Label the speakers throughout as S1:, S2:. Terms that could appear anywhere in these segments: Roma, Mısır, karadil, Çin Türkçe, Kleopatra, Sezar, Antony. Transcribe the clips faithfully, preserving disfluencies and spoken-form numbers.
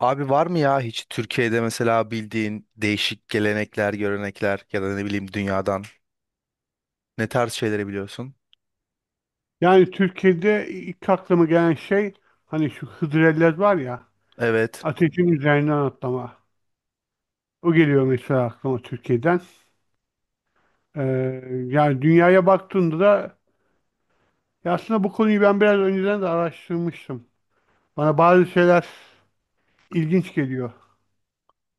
S1: Abi var mı ya hiç Türkiye'de mesela bildiğin değişik gelenekler, görenekler ya da ne bileyim dünyadan ne tarz şeyleri biliyorsun?
S2: Yani Türkiye'de ilk aklıma gelen şey hani şu hıdrellez var ya,
S1: Evet.
S2: ateşin üzerinden atlama. O geliyor mesela aklıma Türkiye'den. Ee, Yani dünyaya baktığında da, ya aslında bu konuyu ben biraz önceden de araştırmıştım. Bana bazı şeyler ilginç geliyor.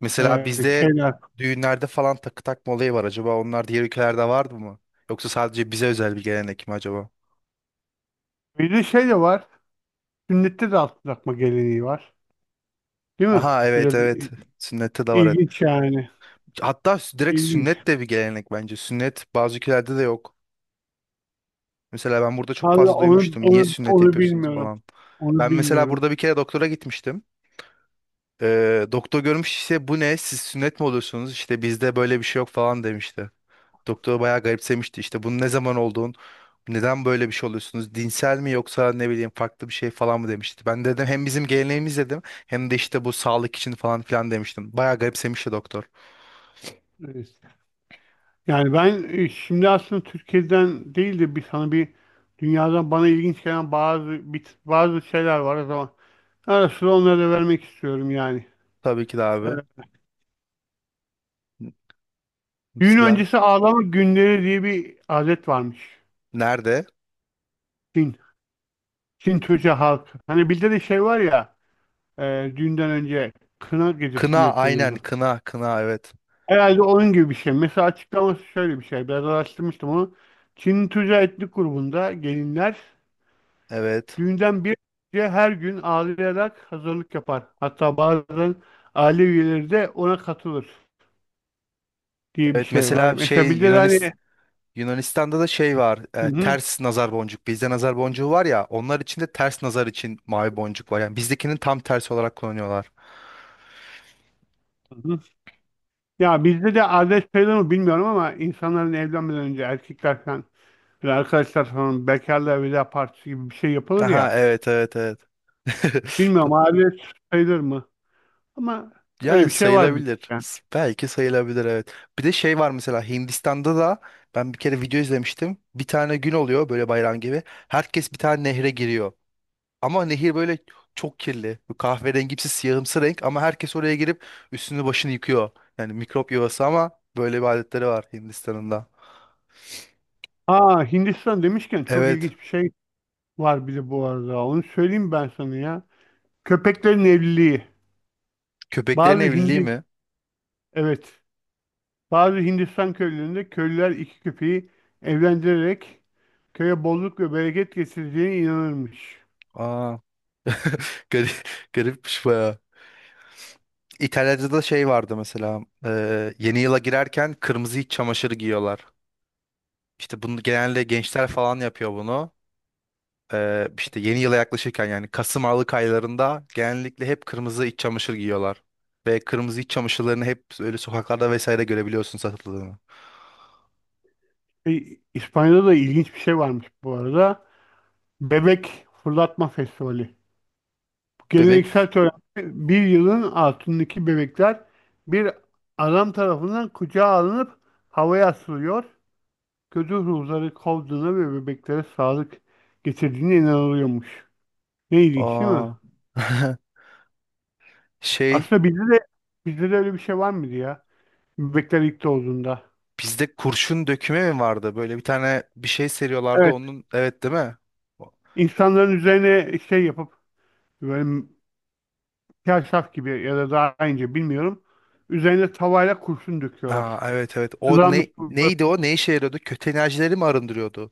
S1: Mesela
S2: Ee,
S1: bizde
S2: şeyler.
S1: düğünlerde falan takı takma olayı var. Acaba onlar diğer ülkelerde vardı mı? Yoksa sadece bize özel bir gelenek mi acaba?
S2: Bir de şey de var. Sünnette de altın takma geleneği var. Değil mi?
S1: Aha, evet,
S2: Biraz
S1: evet.
S2: i-
S1: Sünnette de var, evet.
S2: ilginç yani.
S1: Hatta sü- direkt
S2: İlginç.
S1: sünnet de bir gelenek bence. Sünnet bazı ülkelerde de yok. Mesela ben burada çok
S2: Vallahi
S1: fazla
S2: onu,
S1: duymuştum. Niye
S2: onu,
S1: sünnet
S2: onu
S1: yapıyorsunuz
S2: bilmiyorum.
S1: falan.
S2: Onu
S1: Ben mesela
S2: bilmiyorum.
S1: burada bir kere doktora gitmiştim. Ee, doktor görmüş işte bu ne siz sünnet mi oluyorsunuz işte bizde böyle bir şey yok falan demişti. Doktor bayağı garipsemişti işte bunun ne zaman olduğun, neden böyle bir şey oluyorsunuz dinsel mi yoksa ne bileyim farklı bir şey falan mı demişti. Ben dedim hem bizim geleneğimiz dedim, hem de işte bu sağlık için falan filan demiştim. Bayağı garipsemişti doktor.
S2: Evet. Yani ben e, şimdi aslında Türkiye'den değil de bir sana bir dünyadan bana ilginç gelen bazı bir, bazı şeyler var o zaman. Ara sıra onları da vermek istiyorum yani.
S1: Tabii ki de
S2: Ee,
S1: abi.
S2: Düğün
S1: Mesela
S2: öncesi ağlama günleri diye bir adet varmış.
S1: nerede?
S2: Çin, Çin Türkçe halkı. Hani bizde de şey var ya, e, düğünden önce kına gecesi mi
S1: Kına, aynen,
S2: yapılıyordu?
S1: kına kına, evet.
S2: Herhalde onun gibi bir şey. Mesela açıklaması şöyle bir şey. Biraz araştırmıştım onu. Çin Türkçe etnik grubunda gelinler
S1: Evet.
S2: düğünden bir önce her gün ağlayarak hazırlık yapar. Hatta bazen aile üyeleri de ona katılır diye bir
S1: Evet
S2: şey var.
S1: mesela
S2: Mesela
S1: şey
S2: bizde de hani
S1: Yunanistan, Yunanistan'da da şey var,
S2: hı
S1: e,
S2: hı,
S1: ters nazar boncuk. Bizde nazar boncuğu var ya, onlar için de ters nazar için mavi boncuk var. Yani bizdekinin tam tersi olarak kullanıyorlar.
S2: hı hı. Ya bizde de adet sayılır mı bilmiyorum ama insanların evlenmeden önce erkekler falan, böyle arkadaşlar falan bekarlığa veda partisi gibi bir şey yapılır
S1: Aha,
S2: ya.
S1: evet, evet, evet. Do-
S2: Bilmiyorum adet sayılır mı? Ama öyle
S1: Yani
S2: bir şey var bizde.
S1: sayılabilir.
S2: Yani.
S1: S- Belki sayılabilir, evet. Bir de şey var mesela Hindistan'da da ben bir kere video izlemiştim. Bir tane gün oluyor böyle bayram gibi. Herkes bir tane nehre giriyor. Ama nehir böyle çok kirli. Bu kahverengimsi siyahımsı renk ama herkes oraya girip üstünü başını yıkıyor. Yani mikrop yuvası ama böyle bir adetleri var Hindistan'ın da.
S2: Aa, Hindistan demişken çok
S1: Evet.
S2: ilginç bir şey var bir de bu arada. Onu söyleyeyim ben sana ya. Köpeklerin evliliği.
S1: Köpeklerin
S2: Bazı
S1: evliliği
S2: Hindi
S1: mi?
S2: Evet. Bazı Hindistan köylerinde köylüler iki köpeği evlendirerek köye bolluk ve bereket getireceğine inanırmış.
S1: Aa, garip, garipmiş bayağı. İtalya'da da şey vardı mesela. E, yeni yıla girerken kırmızı iç çamaşırı giyiyorlar. İşte bunu genelde gençler falan yapıyor bunu. Ee, işte yeni yıla yaklaşırken yani Kasım Aralık aylarında genellikle hep kırmızı iç çamaşır giyiyorlar. Ve kırmızı iç çamaşırlarını hep öyle sokaklarda vesaire görebiliyorsun satıldığını.
S2: E, İspanya'da da ilginç bir şey varmış bu arada. Bebek fırlatma festivali. Bu
S1: Bebek,
S2: geleneksel törende bir yılın altındaki bebekler bir adam tarafından kucağa alınıp havaya asılıyor. Kötü ruhları kovduğuna ve bebeklere sağlık getirdiğine inanılıyormuş. Ne ilginç değil
S1: aa,
S2: mi?
S1: şey,
S2: Aslında bizde de bizde de öyle bir şey var mıydı ya? Bebekler ilk doğduğunda.
S1: bizde kurşun döküme mi vardı? Böyle bir tane bir şey seriyorlardı
S2: Evet.
S1: onun, evet, değil mi?
S2: İnsanların üzerine şey yapıp böyle kaşaf gibi ya da daha ince bilmiyorum. Üzerine tavayla kurşun döküyorlar.
S1: Aa, evet, evet. O ne,
S2: Kızarmış böyle
S1: neydi o? Ne işe yarıyordu? Kötü enerjileri mi arındırıyordu?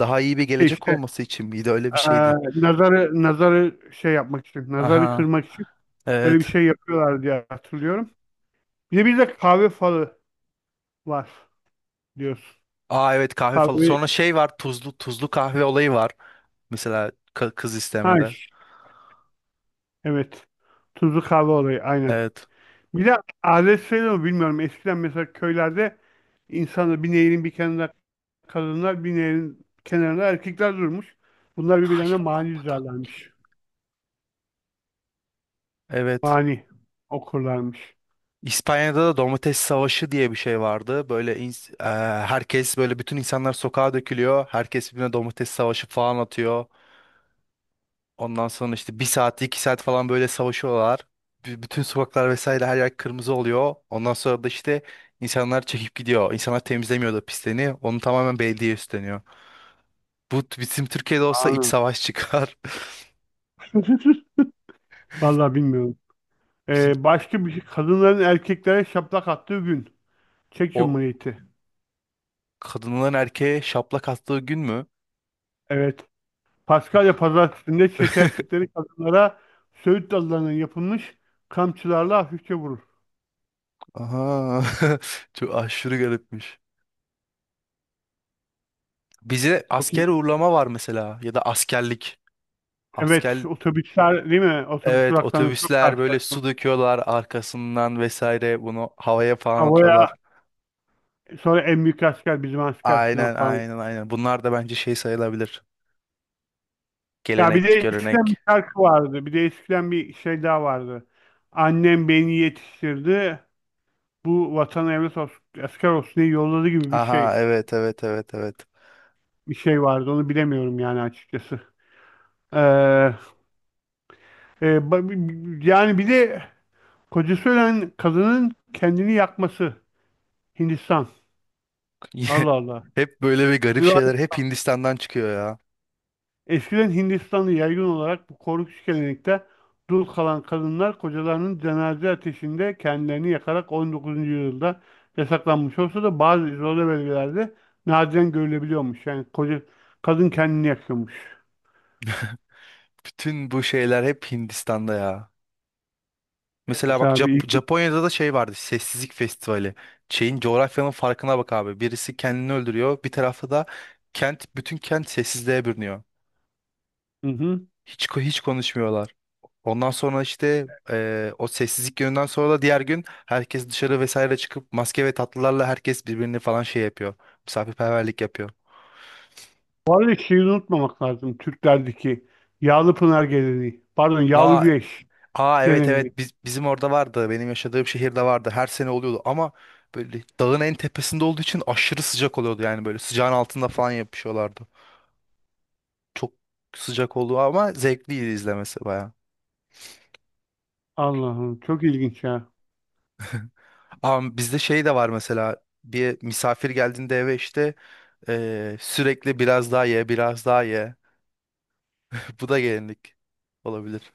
S1: Daha iyi bir
S2: şey
S1: gelecek
S2: işte
S1: olması için miydi? Öyle bir
S2: eee,
S1: şeydi.
S2: nazarı nazarı şey yapmak için, nazarı
S1: Aha,
S2: kırmak için böyle bir
S1: evet.
S2: şey yapıyorlar diye hatırlıyorum. Bir de bir de kahve falı var diyorsun.
S1: Aa, evet, kahve falan.
S2: Kahve
S1: Sonra şey var, tuzlu tuzlu kahve olayı var. Mesela ka- kız
S2: ha
S1: istemede.
S2: ş- evet. Tuzlu kahve olayı aynen.
S1: Evet.
S2: Bir de adet sayılır mı bilmiyorum. Eskiden mesela köylerde insanlar bir nehrin bir kenarında, kadınlar bir nehrin kenarına, erkekler durmuş. Bunlar
S1: Ay,
S2: birbirlerine
S1: a-
S2: mani düzerlermiş.
S1: evet.
S2: Mani okurlarmış.
S1: İspanya'da da domates savaşı diye bir şey vardı. Böyle ins- eee, herkes böyle bütün insanlar sokağa dökülüyor. Herkes birbirine domates savaşı falan atıyor. Ondan sonra işte bir saat iki saat falan böyle savaşıyorlar. B- bütün sokaklar vesaire her yer kırmızı oluyor. Ondan sonra da işte insanlar çekip gidiyor. İnsanlar temizlemiyor da pisliğini. Onu tamamen belediye üstleniyor. Bu bizim Türkiye'de olsa iç
S2: Anam.
S1: savaş çıkar.
S2: Vallahi bilmiyorum.
S1: Bizim
S2: Ee, başka bir şey. Kadınların erkeklere şaplak attığı gün. Çek
S1: o,
S2: Cumhuriyeti.
S1: kadınların erkeğe şaplak attığı gün mü?
S2: Evet. Paskalya Pazartesi'nde Çek erkekleri kadınlara söğüt dallarından yapılmış kamçılarla hafifçe vurur.
S1: Aha. Çok aşırı garipmiş. Bize
S2: Çok iyi.
S1: asker uğurlama var mesela, ya da askerlik. Asker,
S2: Evet. Otobüsler değil mi? Otobüs
S1: evet,
S2: duraklarında çok
S1: otobüsler böyle su
S2: karşılaştım.
S1: döküyorlar arkasından vesaire bunu havaya falan
S2: Havaya,
S1: atıyorlar.
S2: sonra en büyük asker bizim asker falan
S1: Aynen,
S2: falan.
S1: aynen, aynen. Bunlar da bence şey sayılabilir.
S2: Ya bir de
S1: Gelenek,
S2: eskiden bir
S1: görenek.
S2: şarkı vardı. Bir de eskiden bir şey daha vardı. Annem beni yetiştirdi. Bu vatan evlat olsun, asker olsun diye yolladı gibi bir
S1: Aha,
S2: şey.
S1: evet, evet, evet, evet.
S2: Bir şey vardı. Onu bilemiyorum yani açıkçası. Ee, e, ba- bi- bi- Yani bir de kocası ölen kadının kendini yakması. Hindistan. Allah Allah.
S1: Hep böyle bir garip şeyler hep Hindistan'dan çıkıyor ya.
S2: Eskiden Hindistan'da yaygın olarak bu korkunç gelenekte dul kalan kadınlar kocalarının cenaze ateşinde kendilerini yakarak on dokuzuncu yüzyılda yasaklanmış olsa da bazı izole bölgelerde nadiren görülebiliyormuş. Yani koca kadın kendini yakıyormuş.
S1: Bütün bu şeyler hep Hindistan'da ya. Mesela bak
S2: Mesela bir
S1: Jap-
S2: ilginç.
S1: Japonya'da da şey vardı. Sessizlik Festivali. Şeyin, coğrafyanın farkına bak abi. Birisi kendini öldürüyor. Bir tarafta da kent, bütün kent sessizliğe bürünüyor.
S2: Hı hı.
S1: Hiç ko- hiç konuşmuyorlar. Ondan sonra işte eee, o sessizlik gününden sonra da diğer gün herkes dışarı vesaire çıkıp maske ve tatlılarla herkes birbirini falan şey yapıyor. Misafirperverlik yapıyor.
S2: Bu arada şeyi unutmamak lazım. Türklerdeki yağlı pınar geleneği. Pardon, yağlı
S1: Aa.
S2: güreş
S1: Aa, evet,
S2: geleneği.
S1: evet, biz, bizim orada vardı. Benim yaşadığım şehirde vardı. Her sene oluyordu ama böyle dağın en tepesinde olduğu için aşırı sıcak oluyordu. Yani böyle sıcağın altında falan yapışıyorlardı. Çok sıcak oldu ama zevkliydi izlemesi baya.
S2: Allah'ım çok ilginç ya.
S1: Ama bizde şey de var mesela bir misafir geldiğinde eve işte eee, sürekli biraz daha ye biraz daha ye. Bu da gelinlik olabilir.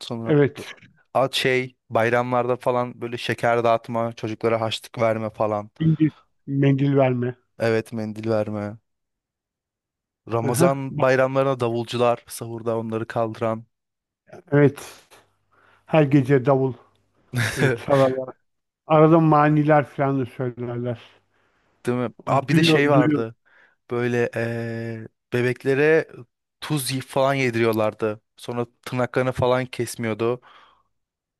S1: Sonra
S2: Evet.
S1: at şey bayramlarda falan böyle şeker dağıtma, çocuklara harçlık verme falan.
S2: İngiliz mendil verme.
S1: Evet, mendil verme.
S2: Aha.
S1: Ramazan bayramlarına davulcular sahurda onları kaldıran.
S2: Evet. Her gece davul. Böyle çalarlar. Arada maniler falan da söylerler.
S1: Değil mi? Aa, bir de
S2: Duyuyor,
S1: şey
S2: duyuyor.
S1: vardı. Böyle eee, bebeklere tuz y- falan yediriyorlardı. Sonra tırnaklarını falan kesmiyordu.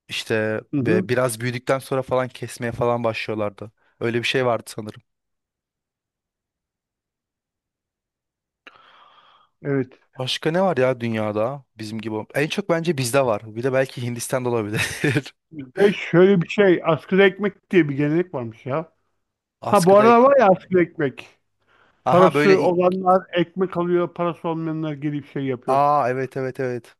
S1: İşte
S2: Hı hı.
S1: be- biraz büyüdükten sonra falan kesmeye falan başlıyorlardı. Öyle bir şey vardı sanırım.
S2: Evet.
S1: Başka ne var ya dünyada bizim gibi? En çok bence bizde var. Bir de belki Hindistan'da olabilir.
S2: Bizde şöyle bir şey, askıda ekmek diye bir gelenek varmış ya. Ha bu
S1: Askıda ek...
S2: arada var ya, askıda ekmek.
S1: Aha böyle...
S2: Parası
S1: i-
S2: olanlar ekmek alıyor, parası olmayanlar gelip şey yapıyor.
S1: Aa, evet, evet, evet.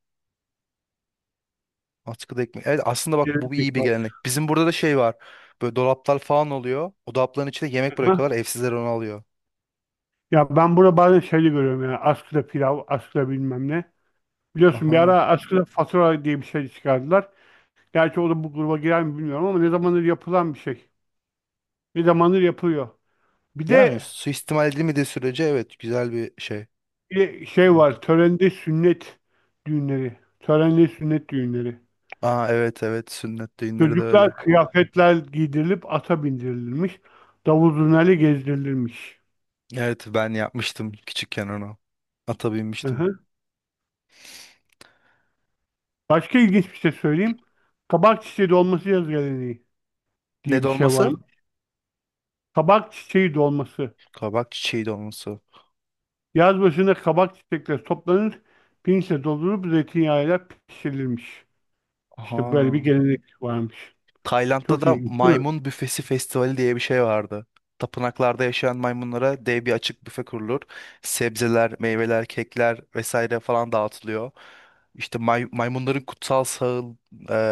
S1: Askıda ekmek. Evet aslında bak bu bir iyi
S2: Gelenek
S1: bir
S2: var.
S1: gelenek. Bizim burada da şey var. Böyle dolaplar falan oluyor. O dolapların içinde yemek
S2: Aha.
S1: bırakıyorlar. Evsizler onu alıyor.
S2: Ya ben burada bazen şeyde görüyorum ya. Askıda pilav, askıda bilmem ne. Biliyorsun bir
S1: Aha.
S2: ara askıda fatura diye bir şey çıkardılar. Gerçi o da bu gruba girer mi bilmiyorum ama ne zamandır yapılan bir şey. Ne zamandır yapılıyor. Bir
S1: Yani
S2: de
S1: suistimal edilmediği sürece, evet, güzel bir şey.
S2: Bir de şey var.
S1: Mantık.
S2: Törende sünnet düğünleri. Törenli sünnet düğünleri.
S1: Aa, evet, evet, sünnet düğünleri de öyle.
S2: Çocuklar kıyafetler giydirilip ata bindirilmiş. Davul zurnayla gezdirilirmiş.
S1: Evet, ben yapmıştım küçükken onu. Ata
S2: Hı
S1: binmiştim.
S2: hı. Başka ilginç bir şey söyleyeyim. Kabak çiçeği dolması yaz geleneği
S1: Ne
S2: diye bir şey var
S1: dolması?
S2: mı? Kabak çiçeği dolması.
S1: Kabak çiçeği dolması.
S2: Yaz başında kabak çiçekleri toplanır, pirinçle doldurup zeytinyağıyla pişirilmiş. İşte böyle bir
S1: Aha.
S2: gelenek varmış.
S1: Tayland'da
S2: Çok
S1: da
S2: ilginç değil mi?
S1: maymun büfesi festivali diye bir şey vardı. Tapınaklarda yaşayan maymunlara dev bir açık büfe kurulur. Sebzeler, meyveler, kekler vesaire falan dağıtılıyor. İşte may- maymunların kutsal sağıl-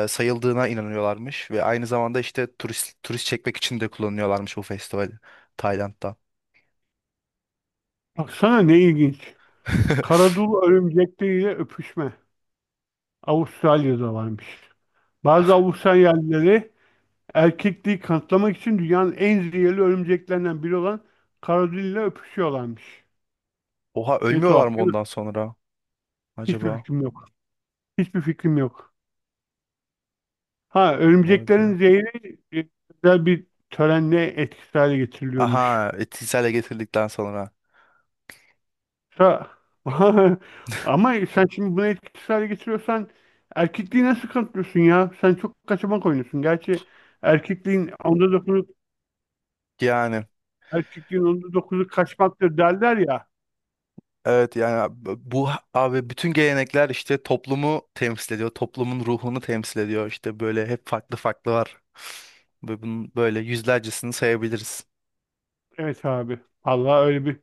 S1: e, sayıldığına inanıyorlarmış ve aynı zamanda işte turist turist çekmek için de kullanıyorlarmış bu festivali Tayland'da.
S2: Baksana ne ilginç. Karadul örümcekleriyle öpüşme. Avustralya'da varmış. Bazı Avustralyalıları erkekliği kanıtlamak için dünyanın en zehirli örümceklerinden biri olan karadille öpüşüyorlarmış.
S1: Oha,
S2: Ne
S1: ölmüyorlar
S2: tuhaf
S1: mı
S2: değil mi?
S1: ondan sonra
S2: Hiçbir
S1: acaba?
S2: fikrim yok. Hiçbir fikrim yok. Ha
S1: Vay be.
S2: örümceklerin zehri e, özel bir törenle etkisiz hale getiriliyormuş.
S1: Aha etkisiyle getirdikten sonra.
S2: Ha, ama sen şimdi bunu etkisiz hale getiriyorsan erkekliği nasıl kanıtlıyorsun ya? Sen çok kaçamak oynuyorsun. Gerçi erkekliğin onda
S1: Yani.
S2: erkekliğin onda dokuzu kaçmaktır derler ya.
S1: Evet yani bu abi bütün gelenekler işte toplumu temsil ediyor. Toplumun ruhunu temsil ediyor. İşte böyle hep farklı farklı var. Ve bunun böyle yüzlercesini sayabiliriz.
S2: Evet abi. Allah öyle bir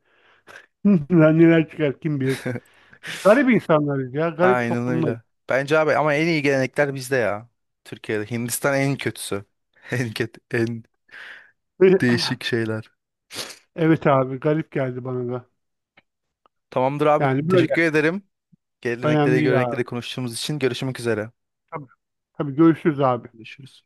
S2: lan neler çıkar kim bilir. Garip insanlarız ya. Garip
S1: Aynen
S2: toplumlar.
S1: öyle. Bence abi ama en iyi gelenekler bizde ya. Türkiye'de. Hindistan en kötüsü. En kötü, en değişik şeyler.
S2: Evet abi. Garip geldi bana da.
S1: Tamamdır abi.
S2: Yani böyle.
S1: Teşekkür ederim.
S2: Önemli
S1: Gelenekleri,
S2: değil
S1: görenekleri
S2: abi.
S1: konuştuğumuz için görüşmek üzere.
S2: Tabii, tabii görüşürüz abi.
S1: Görüşürüz.